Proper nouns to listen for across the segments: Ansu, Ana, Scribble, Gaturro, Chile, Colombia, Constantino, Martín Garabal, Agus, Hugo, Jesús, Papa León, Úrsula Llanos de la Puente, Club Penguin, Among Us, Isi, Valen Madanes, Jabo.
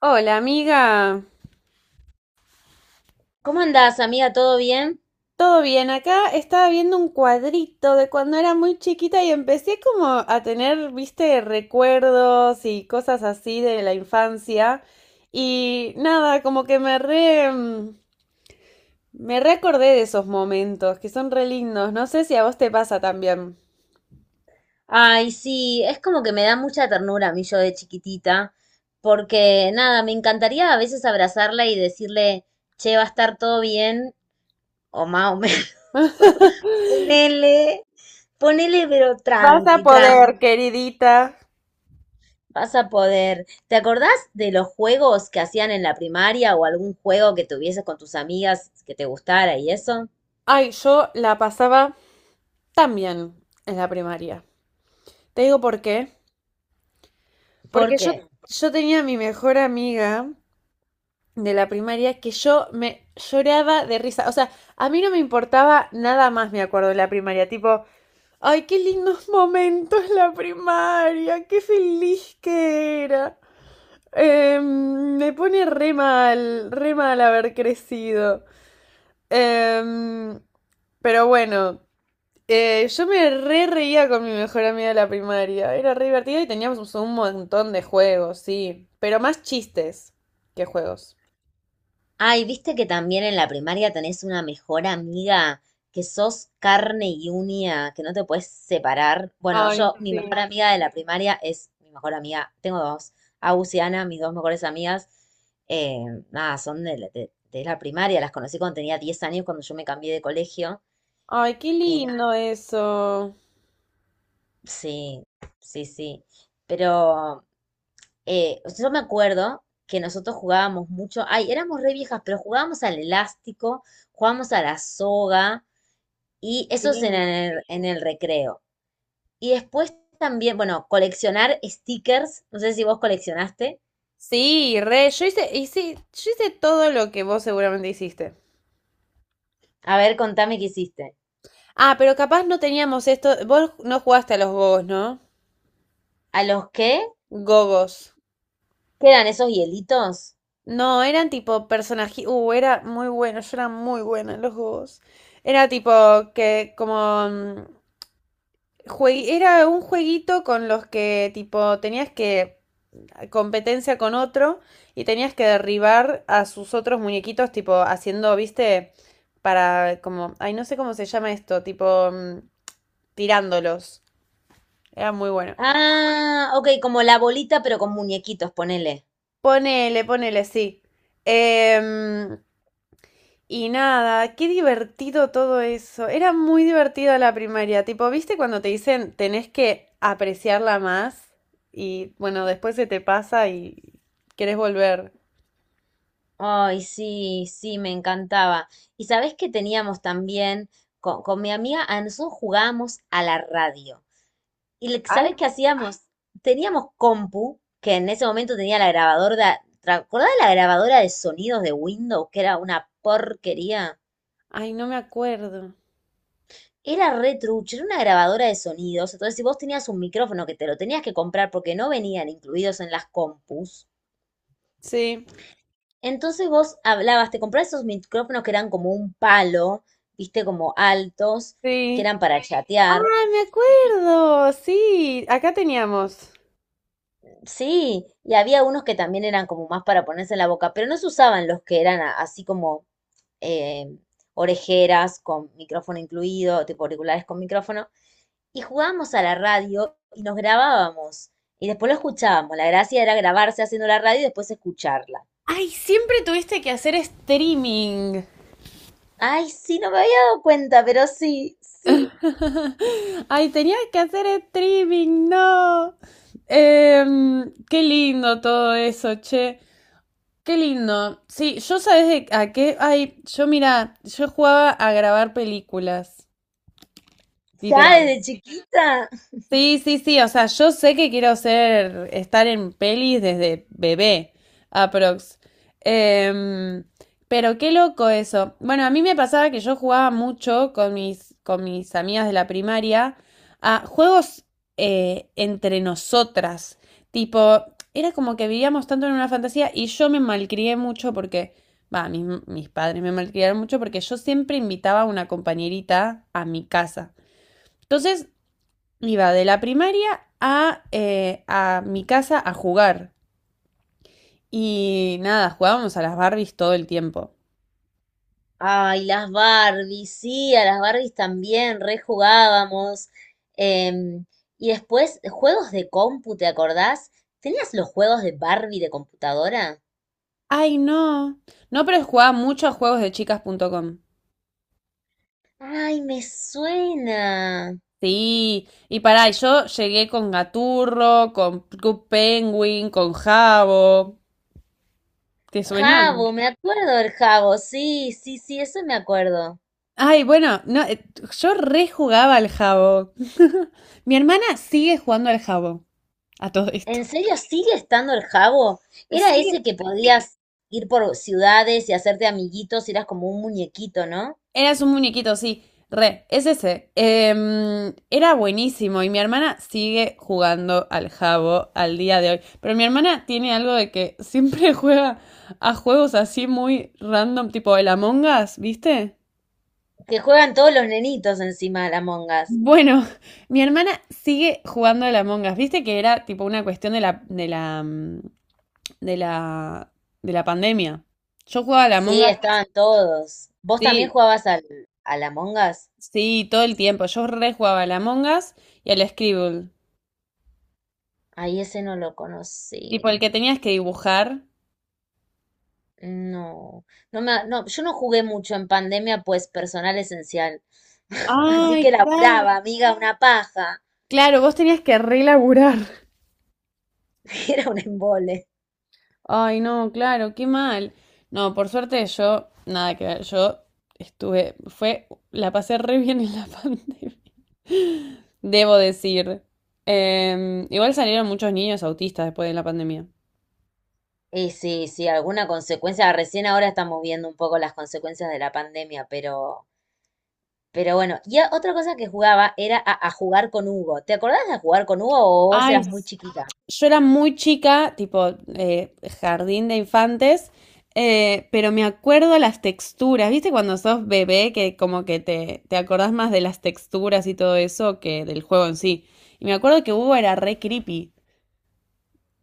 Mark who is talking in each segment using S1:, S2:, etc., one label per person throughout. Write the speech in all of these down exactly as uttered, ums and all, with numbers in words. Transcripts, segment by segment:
S1: Hola, amiga.
S2: ¿Cómo andás, amiga? ¿Todo bien?
S1: ¿Todo bien? Acá estaba viendo un cuadrito de cuando era muy chiquita y empecé como a tener, viste, recuerdos y cosas así de la infancia. Y nada, como que me re, mm, me reacordé de esos momentos que son re lindos. No sé si a vos te pasa también.
S2: Ay, sí, es como que me da mucha ternura a mí yo de chiquitita, porque nada, me encantaría a veces abrazarla y decirle, che, va a estar todo bien, o más o menos, ponele, ponele, pero
S1: Vas a
S2: tranqui, tranqui,
S1: poder, queridita.
S2: vas a poder. ¿Te acordás de los juegos que hacían en la primaria o algún juego que tuvieses con tus amigas que te gustara y eso?
S1: Ay, yo la pasaba también en la primaria. Te digo por qué. Porque yo,
S2: Porque
S1: yo tenía a mi mejor amiga de la primaria que yo me lloraba de risa. O sea, a mí no me importaba nada más, me acuerdo, de la primaria. Tipo, ay, qué lindos momentos la primaria, qué feliz que era. Em, me pone re mal, re mal haber crecido. Em, pero bueno, eh, yo me re reía con mi mejor amiga de la primaria. Era re divertido y teníamos un montón de juegos, sí. Pero más chistes que juegos.
S2: ay, viste que también en la primaria tenés una mejor amiga que sos carne y uña, que no te puedes separar. Bueno,
S1: Ay,
S2: yo, mi mejor
S1: sí.
S2: amiga de la primaria es mi mejor amiga, tengo dos, Agus y Ana, mis dos mejores amigas. eh, Nada, son de, la de- de la primaria, las conocí cuando tenía diez años, cuando yo me cambié de colegio.
S1: Ay, qué
S2: Y nada,
S1: lindo eso.
S2: sí, sí, sí. Pero Eh, o sea, yo me acuerdo que nosotros jugábamos mucho, ay, éramos re viejas, pero jugábamos al elástico, jugábamos a la soga, y
S1: Sí.
S2: eso es en el, en el recreo. Y después también, bueno, coleccionar stickers, no sé si vos coleccionaste.
S1: Sí, re, yo hice, hice, yo hice todo lo que vos seguramente hiciste.
S2: A ver, contame qué hiciste.
S1: Ah, pero capaz no teníamos esto. Vos no jugaste a los gogos, ¿no?
S2: ¿A los qué?
S1: Gogos.
S2: ¿Quedan esos hielitos?
S1: No, eran tipo personajes. Uh, era muy bueno, yo era muy buena en los gogos. Era tipo que como mm, jue- era un jueguito con los que tipo tenías que competencia con otro y tenías que derribar a sus otros muñequitos, tipo haciendo, viste, para como, ay, no sé cómo se llama esto, tipo mm, tirándolos. Era muy bueno.
S2: Ah, ok, como la bolita, pero con muñequitos, ponele.
S1: Ponele, ponele, sí. Em, y nada, qué divertido todo eso. Era muy divertida la primaria. Tipo, ¿viste cuando te dicen tenés que apreciarla más? Y bueno, después se te pasa y querés volver.
S2: Ay, sí, sí, me encantaba. Y sabés que teníamos también, con, con mi amiga Ansu jugábamos a la radio. Y le-
S1: Ay,
S2: ¿sabés qué hacíamos? Teníamos compu, que en ese momento tenía la grabadora, de- ¿te acordás de la grabadora de sonidos de Windows, que era una porquería?
S1: Ay, no me acuerdo.
S2: Era re trucho, era una grabadora de sonidos. Entonces, si vos tenías un micrófono que te lo tenías que comprar porque no venían incluidos en las compus,
S1: Sí.
S2: entonces vos hablabas, te comprabas esos micrófonos que eran como un palo, viste, como altos, que
S1: Sí.
S2: eran para
S1: Ah,
S2: chatear.
S1: me acuerdo. Sí, acá teníamos.
S2: Sí, y había unos que también eran como más para ponerse en la boca, pero no se usaban los que eran a- así como eh, orejeras con micrófono incluido, tipo auriculares con micrófono. Y jugábamos a la radio y nos grabábamos. Y después lo escuchábamos. La gracia era grabarse haciendo la radio y después escucharla.
S1: Ay, siempre tuviste que hacer streaming.
S2: Ay, sí, no me había dado cuenta, pero sí, sí.
S1: Ay, tenías que hacer streaming, no. Em, qué lindo todo eso, che. Qué lindo. Sí, yo sabes de- a qué. Ay, yo mira, yo jugaba a grabar películas,
S2: Ya
S1: literal.
S2: desde chiquita.
S1: Sí, sí, sí, o sea, yo sé que quiero ser, estar en pelis desde bebé, aprox. Em, pero qué loco eso. Bueno, a mí me pasaba que yo jugaba mucho con mis, con mis amigas de la primaria a juegos eh, entre nosotras. Tipo, era como que vivíamos tanto en una fantasía y yo me malcrié mucho porque, va, mis, mis padres me malcriaron mucho porque yo siempre invitaba a una compañerita a mi casa. Entonces, iba de la primaria a, eh, a mi casa a jugar. Y nada, jugábamos a las Barbies todo el tiempo.
S2: Ay, las Barbies, sí, a las Barbies también rejugábamos. Em, y después, juegos de compu, ¿te acordás? ¿Tenías los juegos de Barbie de computadora?
S1: Ay, no. No, pero jugaba mucho a juegos de chicas punto com.
S2: Ay, me suena.
S1: Sí, y pará, y yo llegué con Gaturro, con Club Penguin, con Jabo. ¿Te suenan?
S2: Jabo, me acuerdo del Jabo, sí, sí, sí, eso me acuerdo.
S1: Ay, bueno, no, eh, yo rejugaba al Jabo. Mi hermana sigue jugando al Jabo a todo
S2: ¿En
S1: esto.
S2: serio sigue estando el Jabo? Era
S1: Sí,
S2: ese que podías ir por ciudades y hacerte amiguitos, y eras como un muñequito, ¿no?
S1: eras un muñequito, sí. Re, es ese. Em, era buenísimo y mi hermana sigue jugando al jabo al día de hoy. Pero mi hermana tiene algo de que siempre juega a juegos así muy random, tipo el Among Us, ¿viste?
S2: Que juegan todos los nenitos encima de la Among Us.
S1: Bueno, mi hermana sigue jugando al Among Us. ¿Viste que era tipo una cuestión de la, de la, mm, de la, de la pandemia? Yo jugaba al Among
S2: Sí,
S1: Us,
S2: estaban todos. ¿Vos también
S1: sí,
S2: jugabas al, al Among Us?
S1: sí, todo el tiempo. Yo re jugaba al Among Us y al Scribble.
S2: Ay, ese no lo
S1: Tipo
S2: conocí.
S1: el que tenías que dibujar.
S2: No, no me, no, yo no jugué mucho en pandemia, pues personal esencial. Así que
S1: Ay,
S2: la
S1: claro.
S2: brava, amiga, una paja.
S1: Claro, vos tenías que relaburar.
S2: Era un embole.
S1: Ay, no, claro, qué mal. No, por suerte yo, nada que ver, yo estuve, fue, la pasé re bien en la pandemia. Debo decir. Em, igual salieron muchos niños autistas después de la pandemia.
S2: Y sí, sí, alguna consecuencia. Recién ahora estamos viendo un poco las consecuencias de la pandemia, pero, pero bueno. Y a- otra cosa que jugaba era a, a jugar con Hugo. ¿Te acordás de jugar con Hugo o vos
S1: Ay,
S2: eras muy chiquita?
S1: yo era muy chica, tipo eh, jardín de infantes, eh, pero me acuerdo las texturas, ¿viste? Cuando sos bebé, que como que te, te acordás más de las texturas y todo eso que del juego en sí. Y me acuerdo que Hugo era re creepy.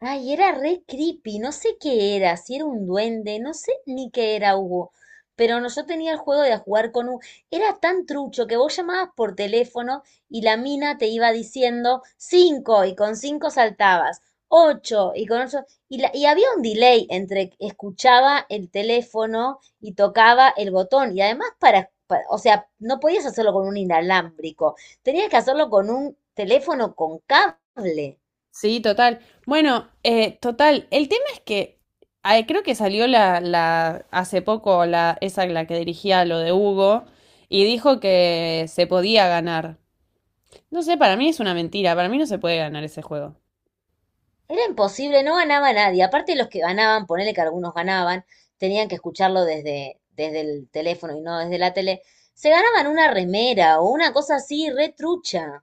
S2: Ay, era re creepy, no sé qué era, si era un duende, no sé ni qué era Hugo, pero no, yo tenía el juego de jugar con Hugo, era tan trucho que vos llamabas por teléfono y la mina te iba diciendo cinco y con cinco saltabas, ocho y con ocho, y, la- y había un delay entre que escuchaba el teléfono y tocaba el botón, y además para, para- o sea, no podías hacerlo con un inalámbrico, tenías que hacerlo con un teléfono con cable.
S1: Sí, total. Bueno, eh, total, el tema es que ay, creo que salió la, la hace poco la, esa la que dirigía lo de Hugo y dijo que se podía ganar. No sé, para mí es una mentira, para mí no se puede ganar ese juego.
S2: Era imposible, no ganaba nadie. Aparte los que ganaban, ponele que algunos ganaban, tenían que escucharlo desde, desde el teléfono y no desde la tele. Se ganaban una remera o una cosa así, re trucha.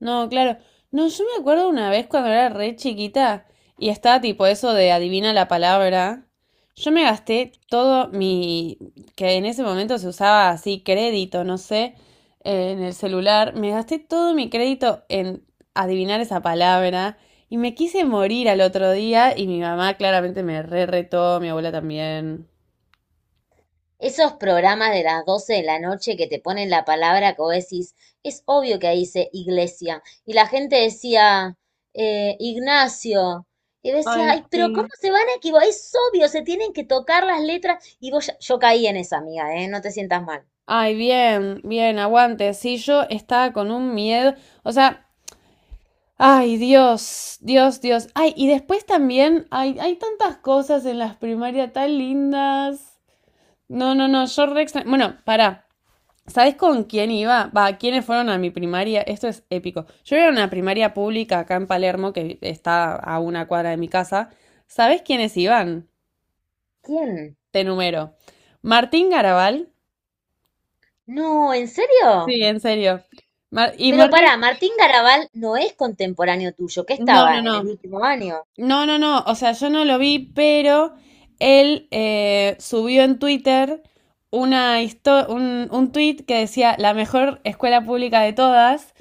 S1: No, claro. No, yo me acuerdo una vez cuando era re chiquita y estaba tipo eso de adivina la palabra. Yo me gasté todo mi, que en ese momento se usaba así crédito, no sé, eh, en el celular. Me gasté todo mi crédito en adivinar esa palabra y me quise morir al otro día y mi mamá claramente me re retó, mi abuela también.
S2: Esos programas de las doce de la noche que te ponen la palabra que vos decís, es obvio que ahí dice iglesia. Y la gente decía, eh, Ignacio. Y decía,
S1: Ay,
S2: ay, pero ¿cómo
S1: sí.
S2: se van a equivocar? Es obvio, se tienen que tocar las letras. Y vos, ya- yo caí en esa, amiga, ¿eh? No te sientas mal.
S1: Ay, bien, bien, aguante. Sí, yo estaba con un miedo. O sea, ay, Dios, Dios, Dios. Ay, y después también hay, hay tantas cosas en las primarias tan lindas. No, no, no, yo re extra- Bueno, pará. ¿Sabés con quién iba? Va, ¿quiénes fueron a mi primaria? Esto es épico. Yo era una primaria pública acá en Palermo, que está a una cuadra de mi casa. ¿Sabés quiénes iban?
S2: ¿Quién?
S1: Te número. Martín Garabal.
S2: No, ¿en serio?
S1: Sí, en serio. Mar- y
S2: Pero pará,
S1: Martín.
S2: Martín Garabal no es contemporáneo tuyo, que
S1: No,
S2: estaba
S1: no,
S2: en el
S1: no.
S2: último año.
S1: No, no, no, o sea, yo no lo vi, pero él eh, subió en Twitter una histo- un, un tweet que decía la mejor escuela pública de todas,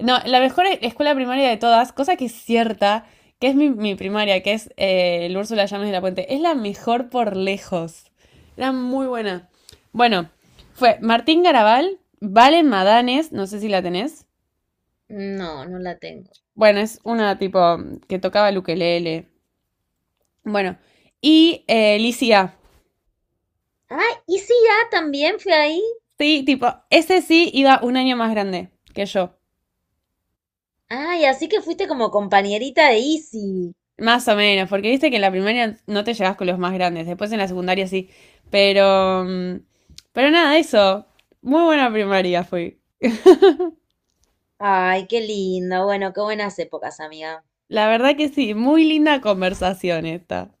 S1: no, la mejor e- escuela primaria de todas, cosa que es cierta, que es mi, mi primaria, que es eh, el Úrsula Llanos de la Puente, es la mejor por lejos, era muy buena. Bueno, fue Martín Garabal, Valen Madanes, no sé si la tenés,
S2: No, no la tengo.
S1: bueno, es una tipo que tocaba el ukelele. Bueno, y eh, Licia.
S2: Ah, Isi ya también fue ahí.
S1: Sí, tipo, ese sí iba un año más grande que yo.
S2: Ay, así que fuiste como compañerita de Isi.
S1: Más o menos, porque viste que en la primaria no te llevas con los más grandes, después en la secundaria sí. Pero. mm, Pero nada, eso. Muy buena primaria fui.
S2: Ay, qué linda. Bueno, qué buenas épocas, amiga.
S1: La verdad que sí, muy linda conversación esta.